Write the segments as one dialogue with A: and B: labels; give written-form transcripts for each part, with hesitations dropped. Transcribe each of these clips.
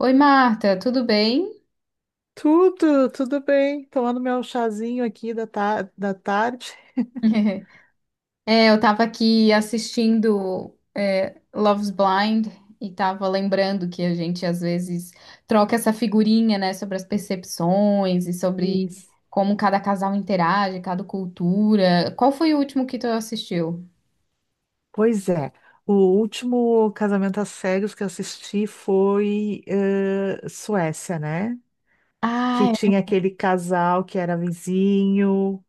A: Oi, Marta, tudo bem?
B: Tudo, tudo bem. Tomando meu chazinho aqui da tarde.
A: Eu tava aqui assistindo Love's Blind e tava lembrando que a gente às vezes troca essa figurinha, né, sobre as percepções e sobre
B: Isso.
A: como cada casal interage, cada cultura. Qual foi o último que tu assistiu?
B: Pois é, o último casamento às cegas que eu assisti foi Suécia, né? Que
A: Ah,
B: tinha aquele casal que era vizinho,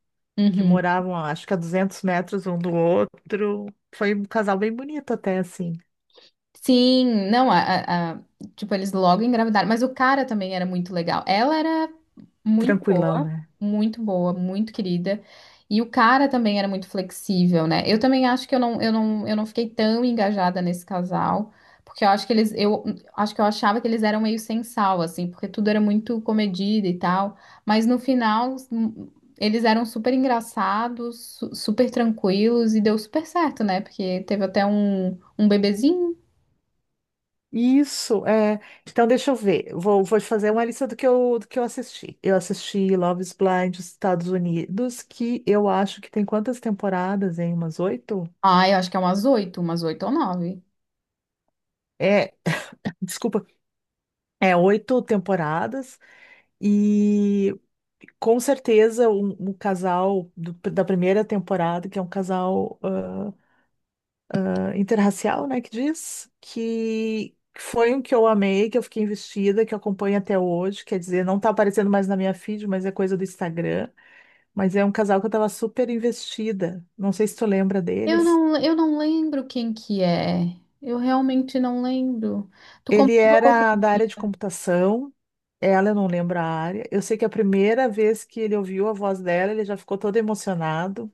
B: que
A: é.
B: moravam, acho que a 200 metros um do outro. Foi um casal bem bonito até, assim,
A: Sim, não, tipo, eles logo engravidaram, mas o cara também era muito legal. Ela era muito
B: tranquilão,
A: boa,
B: né?
A: muito boa, muito querida. E o cara também era muito flexível, né? Eu também acho que eu não fiquei tão engajada nesse casal, porque eu acho que eles, eu acho que eu achava que eles eram meio sem sal, assim, porque tudo era muito comedido e tal. Mas no final, eles eram super engraçados, super tranquilos e deu super certo, né? Porque teve até um bebezinho.
B: Isso, é. Então, deixa eu ver. Vou te fazer uma lista do que eu assisti. Eu assisti Love is Blind dos Estados Unidos, que eu acho que tem quantas temporadas, hein? Umas oito?
A: Ah, eu acho que é umas oito ou nove.
B: É, desculpa, é oito temporadas. E com certeza o um casal da primeira temporada, que é um casal interracial, né, que diz, que foi um que eu amei, que eu fiquei investida, que eu acompanho até hoje, quer dizer, não tá aparecendo mais na minha feed, mas é coisa do Instagram, mas é um casal que eu tava super investida, não sei se tu lembra deles.
A: Eu não lembro quem que é. Eu realmente não lembro. Tu
B: Ele
A: comprou outro
B: era da
A: dia.
B: área de computação, ela eu não lembro a área, eu sei que a primeira vez que ele ouviu a voz dela, ele já ficou todo emocionado,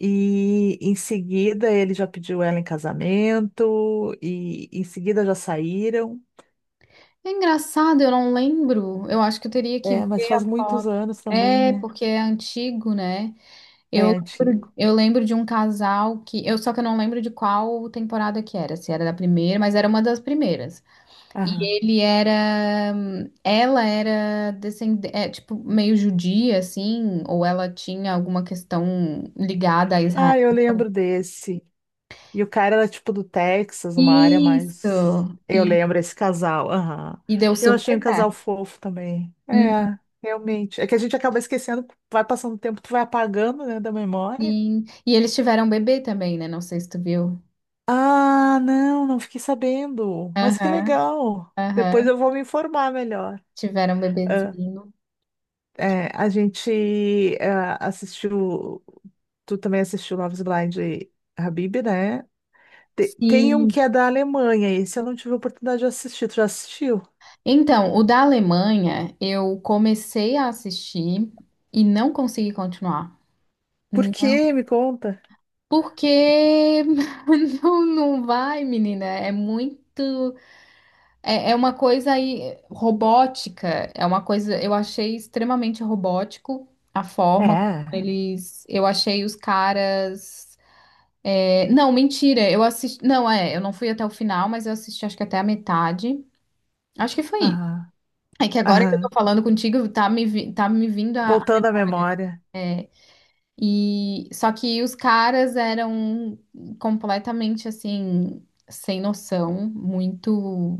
B: e em seguida ele já pediu ela em casamento, e em seguida já saíram.
A: É engraçado, eu não lembro. Eu acho que eu teria que
B: É, mas
A: ver a
B: faz muitos
A: foto.
B: anos também,
A: É,
B: né?
A: porque é antigo, né?
B: É
A: Eu
B: antigo.
A: eu lembro de um casal que. Eu, só que eu não lembro de qual temporada que era, se era da primeira, mas era uma das primeiras. E
B: Aham.
A: ele era, ela era descendente, é, tipo, meio judia, assim, ou ela tinha alguma questão ligada a Israel.
B: Ah, eu lembro desse. E o cara era tipo do Texas, uma área mais.
A: Isso!
B: Eu
A: E,
B: lembro esse casal. Aham.
A: e deu
B: Eu achei um
A: super
B: casal
A: certo.
B: fofo também.
A: Hum.
B: É, realmente. É que a gente acaba esquecendo, vai passando o tempo, tu vai apagando, né, da memória.
A: Sim. E eles tiveram um bebê também, né? Não sei se tu viu.
B: Ah, não, não fiquei sabendo. Mas que
A: Aham,
B: legal. Depois
A: aham.
B: eu vou me informar melhor.
A: Tiveram um bebezinho.
B: É, a gente assistiu. Tu também assistiu Love is Blind Habib, né? Tem um que
A: Sim.
B: é da Alemanha, esse eu não tive a oportunidade de assistir. Tu já assistiu?
A: Então, o da Alemanha, eu comecei a assistir e não consegui continuar.
B: Por quê? Me conta.
A: Porque não, não vai, menina. É muito. É, é uma coisa aí robótica. É uma coisa. Eu achei extremamente robótico a forma como
B: É.
A: eles. Eu achei os caras. É, não, mentira. Eu assisti. Não, é. Eu não fui até o final, mas eu assisti acho que até a metade. Acho que foi isso.
B: Aham.
A: É que agora que eu tô
B: Aham.
A: falando contigo, tá me, tá me vindo a.
B: Voltando à memória.
A: E só que os caras eram completamente assim, sem noção, muito.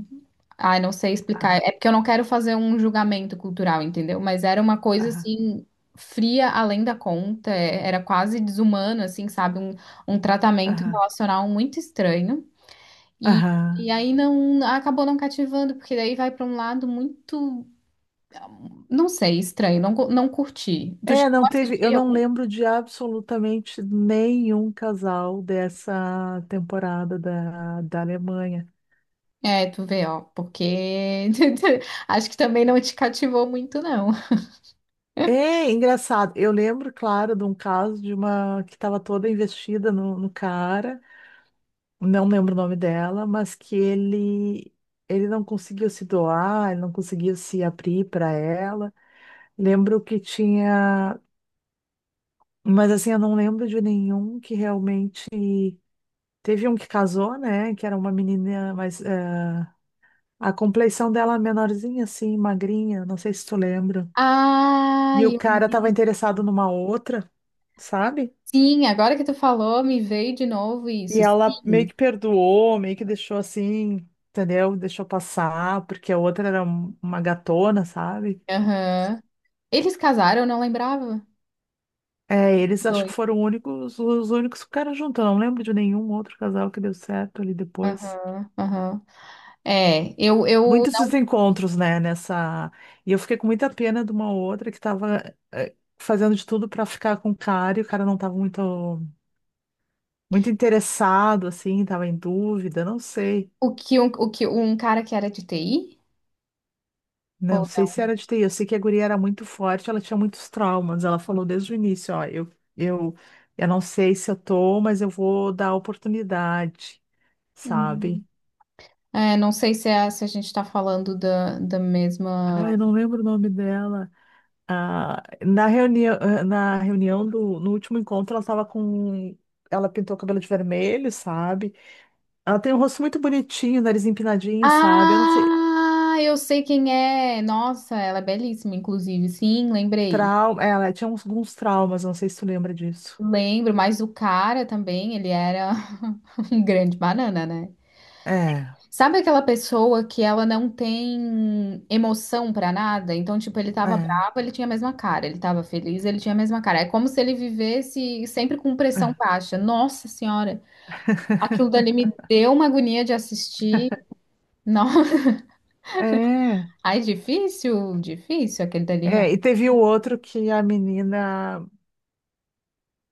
A: Ai, não sei explicar.
B: Aham.
A: É porque eu não quero fazer um julgamento cultural, entendeu? Mas era uma coisa
B: Aham.
A: assim, fria além da conta, era quase desumano, assim, sabe? Um tratamento
B: Aham.
A: relacional muito estranho. E, e
B: Aham.
A: aí não acabou não cativando, porque daí vai pra um lado muito, não sei, estranho, não, não curti. Tu
B: É,
A: chegou
B: não
A: a
B: teve. Eu
A: assistir
B: não
A: algum?
B: lembro de absolutamente nenhum casal dessa temporada da Alemanha.
A: É, tu vê, ó, porque acho que também não te cativou muito, não.
B: É engraçado. Eu lembro, claro, de um caso de uma que estava toda investida no cara, não lembro o nome dela, mas que ele não conseguiu se doar, ele não conseguiu se abrir para ela. Lembro que tinha, mas assim, eu não lembro de nenhum que realmente teve um que casou, né? Que era uma menina, mas a complexão dela é menorzinha, assim, magrinha, não sei se tu lembra.
A: Ah,
B: E o
A: eu
B: cara estava
A: lembro.
B: interessado numa outra, sabe?
A: Sim, agora que tu falou, me veio de novo
B: E
A: isso.
B: ela meio
A: Sim.
B: que perdoou, meio que deixou assim, entendeu? Deixou passar, porque a outra era uma gatona, sabe?
A: Aham. Eles casaram, eu não lembrava.
B: É, eles acho que
A: Dois.
B: foram únicos, os únicos que ficaram juntos. Eu não lembro de nenhum outro casal que deu certo ali depois.
A: Aham, aham. É, eu, eu,
B: Muitos desencontros, né, nessa. E eu fiquei com muita pena de uma outra que tava fazendo de tudo pra ficar com o cara e o cara não tava muito, muito interessado, assim, tava em dúvida, não sei.
A: o que um cara que era de TI?
B: Não
A: Ou
B: sei
A: não?
B: se era de TI, eu sei que a guria era muito forte, ela tinha muitos traumas. Ela falou desde o início, ó, eu, eu não sei se eu tô, mas eu vou dar oportunidade,
A: Hum.
B: sabe?
A: É, não sei se, é, se a gente tá falando da, da
B: Ah,
A: mesma.
B: eu não lembro o nome dela. Ah, na reunião do, no último encontro, ela pintou o cabelo de vermelho, sabe? Ela tem um rosto muito bonitinho, nariz empinadinho, sabe? Eu não sei,
A: Ah, eu sei quem é. Nossa, ela é belíssima, inclusive. Sim, lembrei.
B: trauma, ela tinha uns, alguns traumas, não sei se tu lembra disso.
A: Lembro, mas o cara também, ele era um grande banana, né?
B: É,
A: Sabe aquela pessoa que ela não tem emoção pra nada? Então, tipo, ele tava
B: é,
A: bravo, ele tinha a mesma cara. Ele tava feliz, ele tinha a mesma cara. É como se ele vivesse sempre com pressão
B: é.
A: baixa. Nossa senhora, aquilo dali me deu uma agonia de assistir. Não,
B: É,
A: ai, difícil, difícil aquele dali
B: é, e
A: realmente.
B: teve o outro que a menina,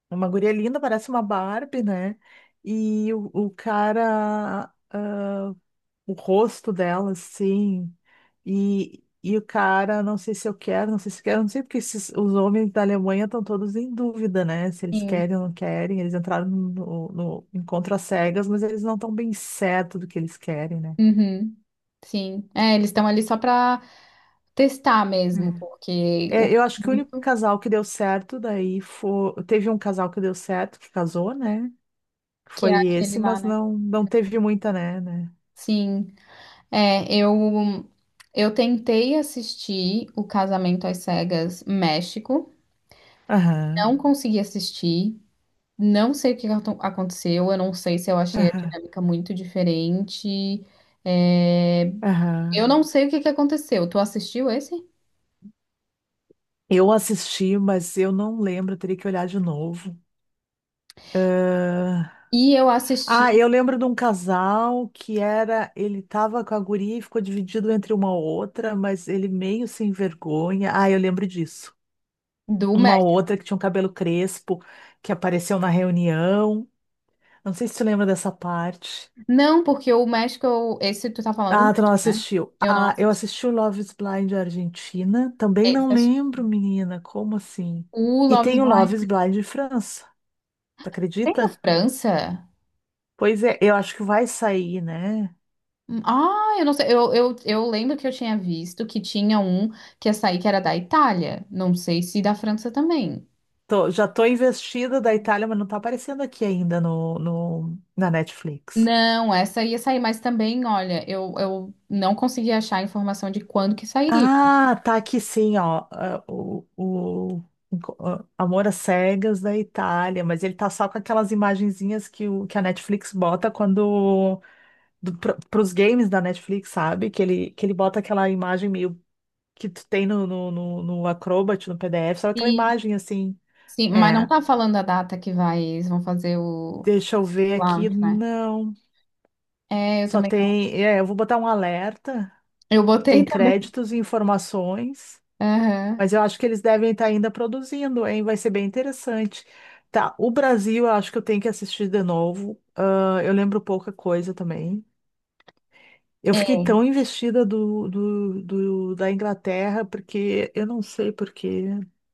B: uma guria linda, parece uma Barbie, né? E o cara, ah, o rosto dela, assim, e o cara, não sei se eu quero, não sei se quero, não sei porque esses, os homens da Alemanha estão todos em dúvida, né? Se eles querem ou não querem, eles entraram no encontro às cegas, mas eles não estão bem certo do que eles querem, né?
A: Uhum, sim. É, eles estão ali só para testar mesmo, porque o
B: É, eu acho que o único
A: intuito
B: casal que deu certo daí foi. Teve um casal que deu certo, que casou, né? Que
A: que é
B: foi
A: aquele
B: esse,
A: lá,
B: mas
A: né?
B: não, não teve muita, né? né?
A: Sim. É, eu eu tentei assistir o Casamento às Cegas México,
B: Aham,
A: não consegui assistir. Não sei o que aconteceu, eu não sei se eu achei a
B: aham,
A: dinâmica muito diferente. É,
B: aham.
A: eu não sei o que que aconteceu. Tu assistiu esse?
B: Eu assisti, mas eu não lembro, eu teria que olhar de novo. Ah,
A: E eu
B: ah,
A: assisti
B: eu lembro de um casal que era. Ele tava com a guria e ficou dividido entre uma outra, mas ele meio sem vergonha. Ah, eu lembro disso.
A: do
B: Uma
A: México.
B: outra que tinha um cabelo crespo, que apareceu na reunião. Não sei se tu lembra dessa parte.
A: Não, porque o México, esse tu tá falando do
B: Ah, tu não
A: México, né?
B: assistiu.
A: Eu não
B: Ah, eu
A: assisti.
B: assisti o Love is Blind Argentina. Também
A: Esse
B: não
A: eu assisti.
B: lembro, menina. Como assim?
A: O
B: E
A: Love is
B: tem o
A: Blind
B: Love is Blind França. Tu
A: tem na
B: acredita?
A: França?
B: Pois é, eu acho que vai sair, né?
A: Hum. Ah, eu não sei. Eu lembro que eu tinha visto que tinha um que ia sair que era da Itália. Não sei se da França também.
B: Já tô investida da Itália, mas não tá aparecendo aqui ainda no, na Netflix.
A: Não, essa ia sair, mas também, olha, eu não consegui achar a informação de quando que sairia.
B: Ah, tá aqui sim, ó. Amor às Cegas da Itália, mas ele tá só com aquelas imagenzinhas que, o, que a Netflix bota quando para os games da Netflix, sabe? Que ele bota aquela imagem meio que tu tem no Acrobat, no PDF, só aquela
A: Sim,
B: imagem assim.
A: sim, mas não
B: É,
A: tá falando a data que vai, eles vão fazer o
B: deixa eu ver aqui.
A: launch, né?
B: Não,
A: É, eu
B: só
A: também não.
B: tem. É, eu vou botar um alerta.
A: Eu
B: Tem
A: botei também.
B: créditos e informações,
A: Aham.
B: mas eu acho que eles devem estar ainda produzindo, hein? Vai ser bem interessante. Tá, o Brasil, eu acho que eu tenho que assistir de novo. Ah, eu lembro pouca coisa também. Eu
A: É,
B: fiquei tão investida da Inglaterra, porque eu não sei porquê,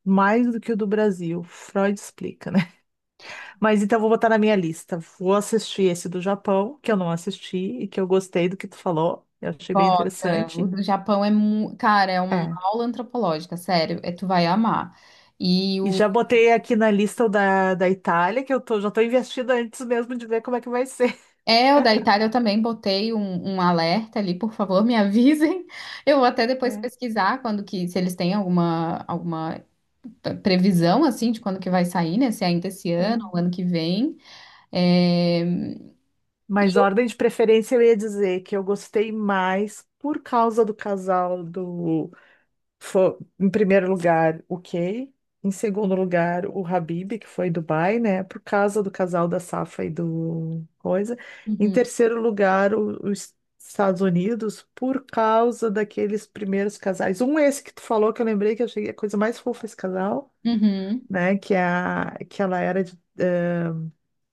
B: mais do que o do Brasil. Freud explica, né? Mas então vou botar na minha lista. Vou assistir esse do Japão, que eu não assisti e que eu gostei do que tu falou. Eu achei bem
A: bota, o
B: interessante.
A: do Japão é, cara, é uma
B: É.
A: aula antropológica, sério, é, tu vai amar. E
B: E
A: o
B: já botei aqui na lista o da Itália, que já tô investida antes mesmo de ver como é que vai ser.
A: é o da Itália eu também botei um alerta ali, por favor, me avisem. Eu vou até depois
B: É,
A: pesquisar quando que se eles têm alguma alguma previsão assim de quando que vai sair, né? Se é ainda esse ano ou
B: é.
A: ano que vem. É...
B: Mas ordem de preferência eu ia dizer que eu gostei mais por causa do casal do. Foi, em primeiro lugar, o Kay. Em segundo lugar, o Habib, que foi Dubai, né? Por causa do casal da Safa e do coisa. Em
A: Uhum,
B: terceiro lugar, os Estados Unidos, por causa daqueles primeiros casais. Um esse que tu falou, que eu lembrei que eu achei a coisa mais fofa esse casal,
A: uhum,
B: né? Que, é a, que ela era de,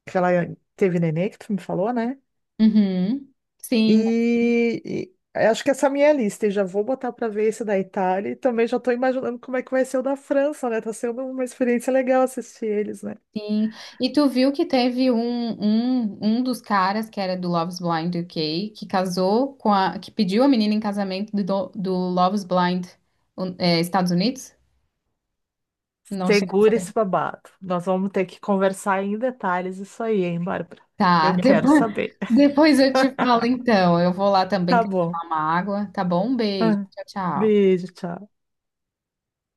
B: que ela teve nenê, que tu me falou, né?
A: uhum. Sim,
B: E acho que essa é a minha lista, e já vou botar para ver esse da Itália e também já estou imaginando como é que vai ser o da França, né? Tá sendo uma experiência legal assistir eles, né?
A: sim. E tu viu que teve um dos caras que era do Love's Blind UK que casou com a que pediu a menina em casamento do, do Love's Blind um, é, Estados Unidos? Não chega a
B: Segura
A: saber.
B: esse babado. Nós vamos ter que conversar em detalhes isso aí, hein, Bárbara?
A: Tá,
B: Eu quero
A: depois,
B: saber.
A: depois eu te falo então. Eu vou lá também
B: Tá
A: que eu vou
B: bom.
A: tomar uma água, tá bom? Um beijo.
B: Ah,
A: Tchau, tchau.
B: beijo, tchau.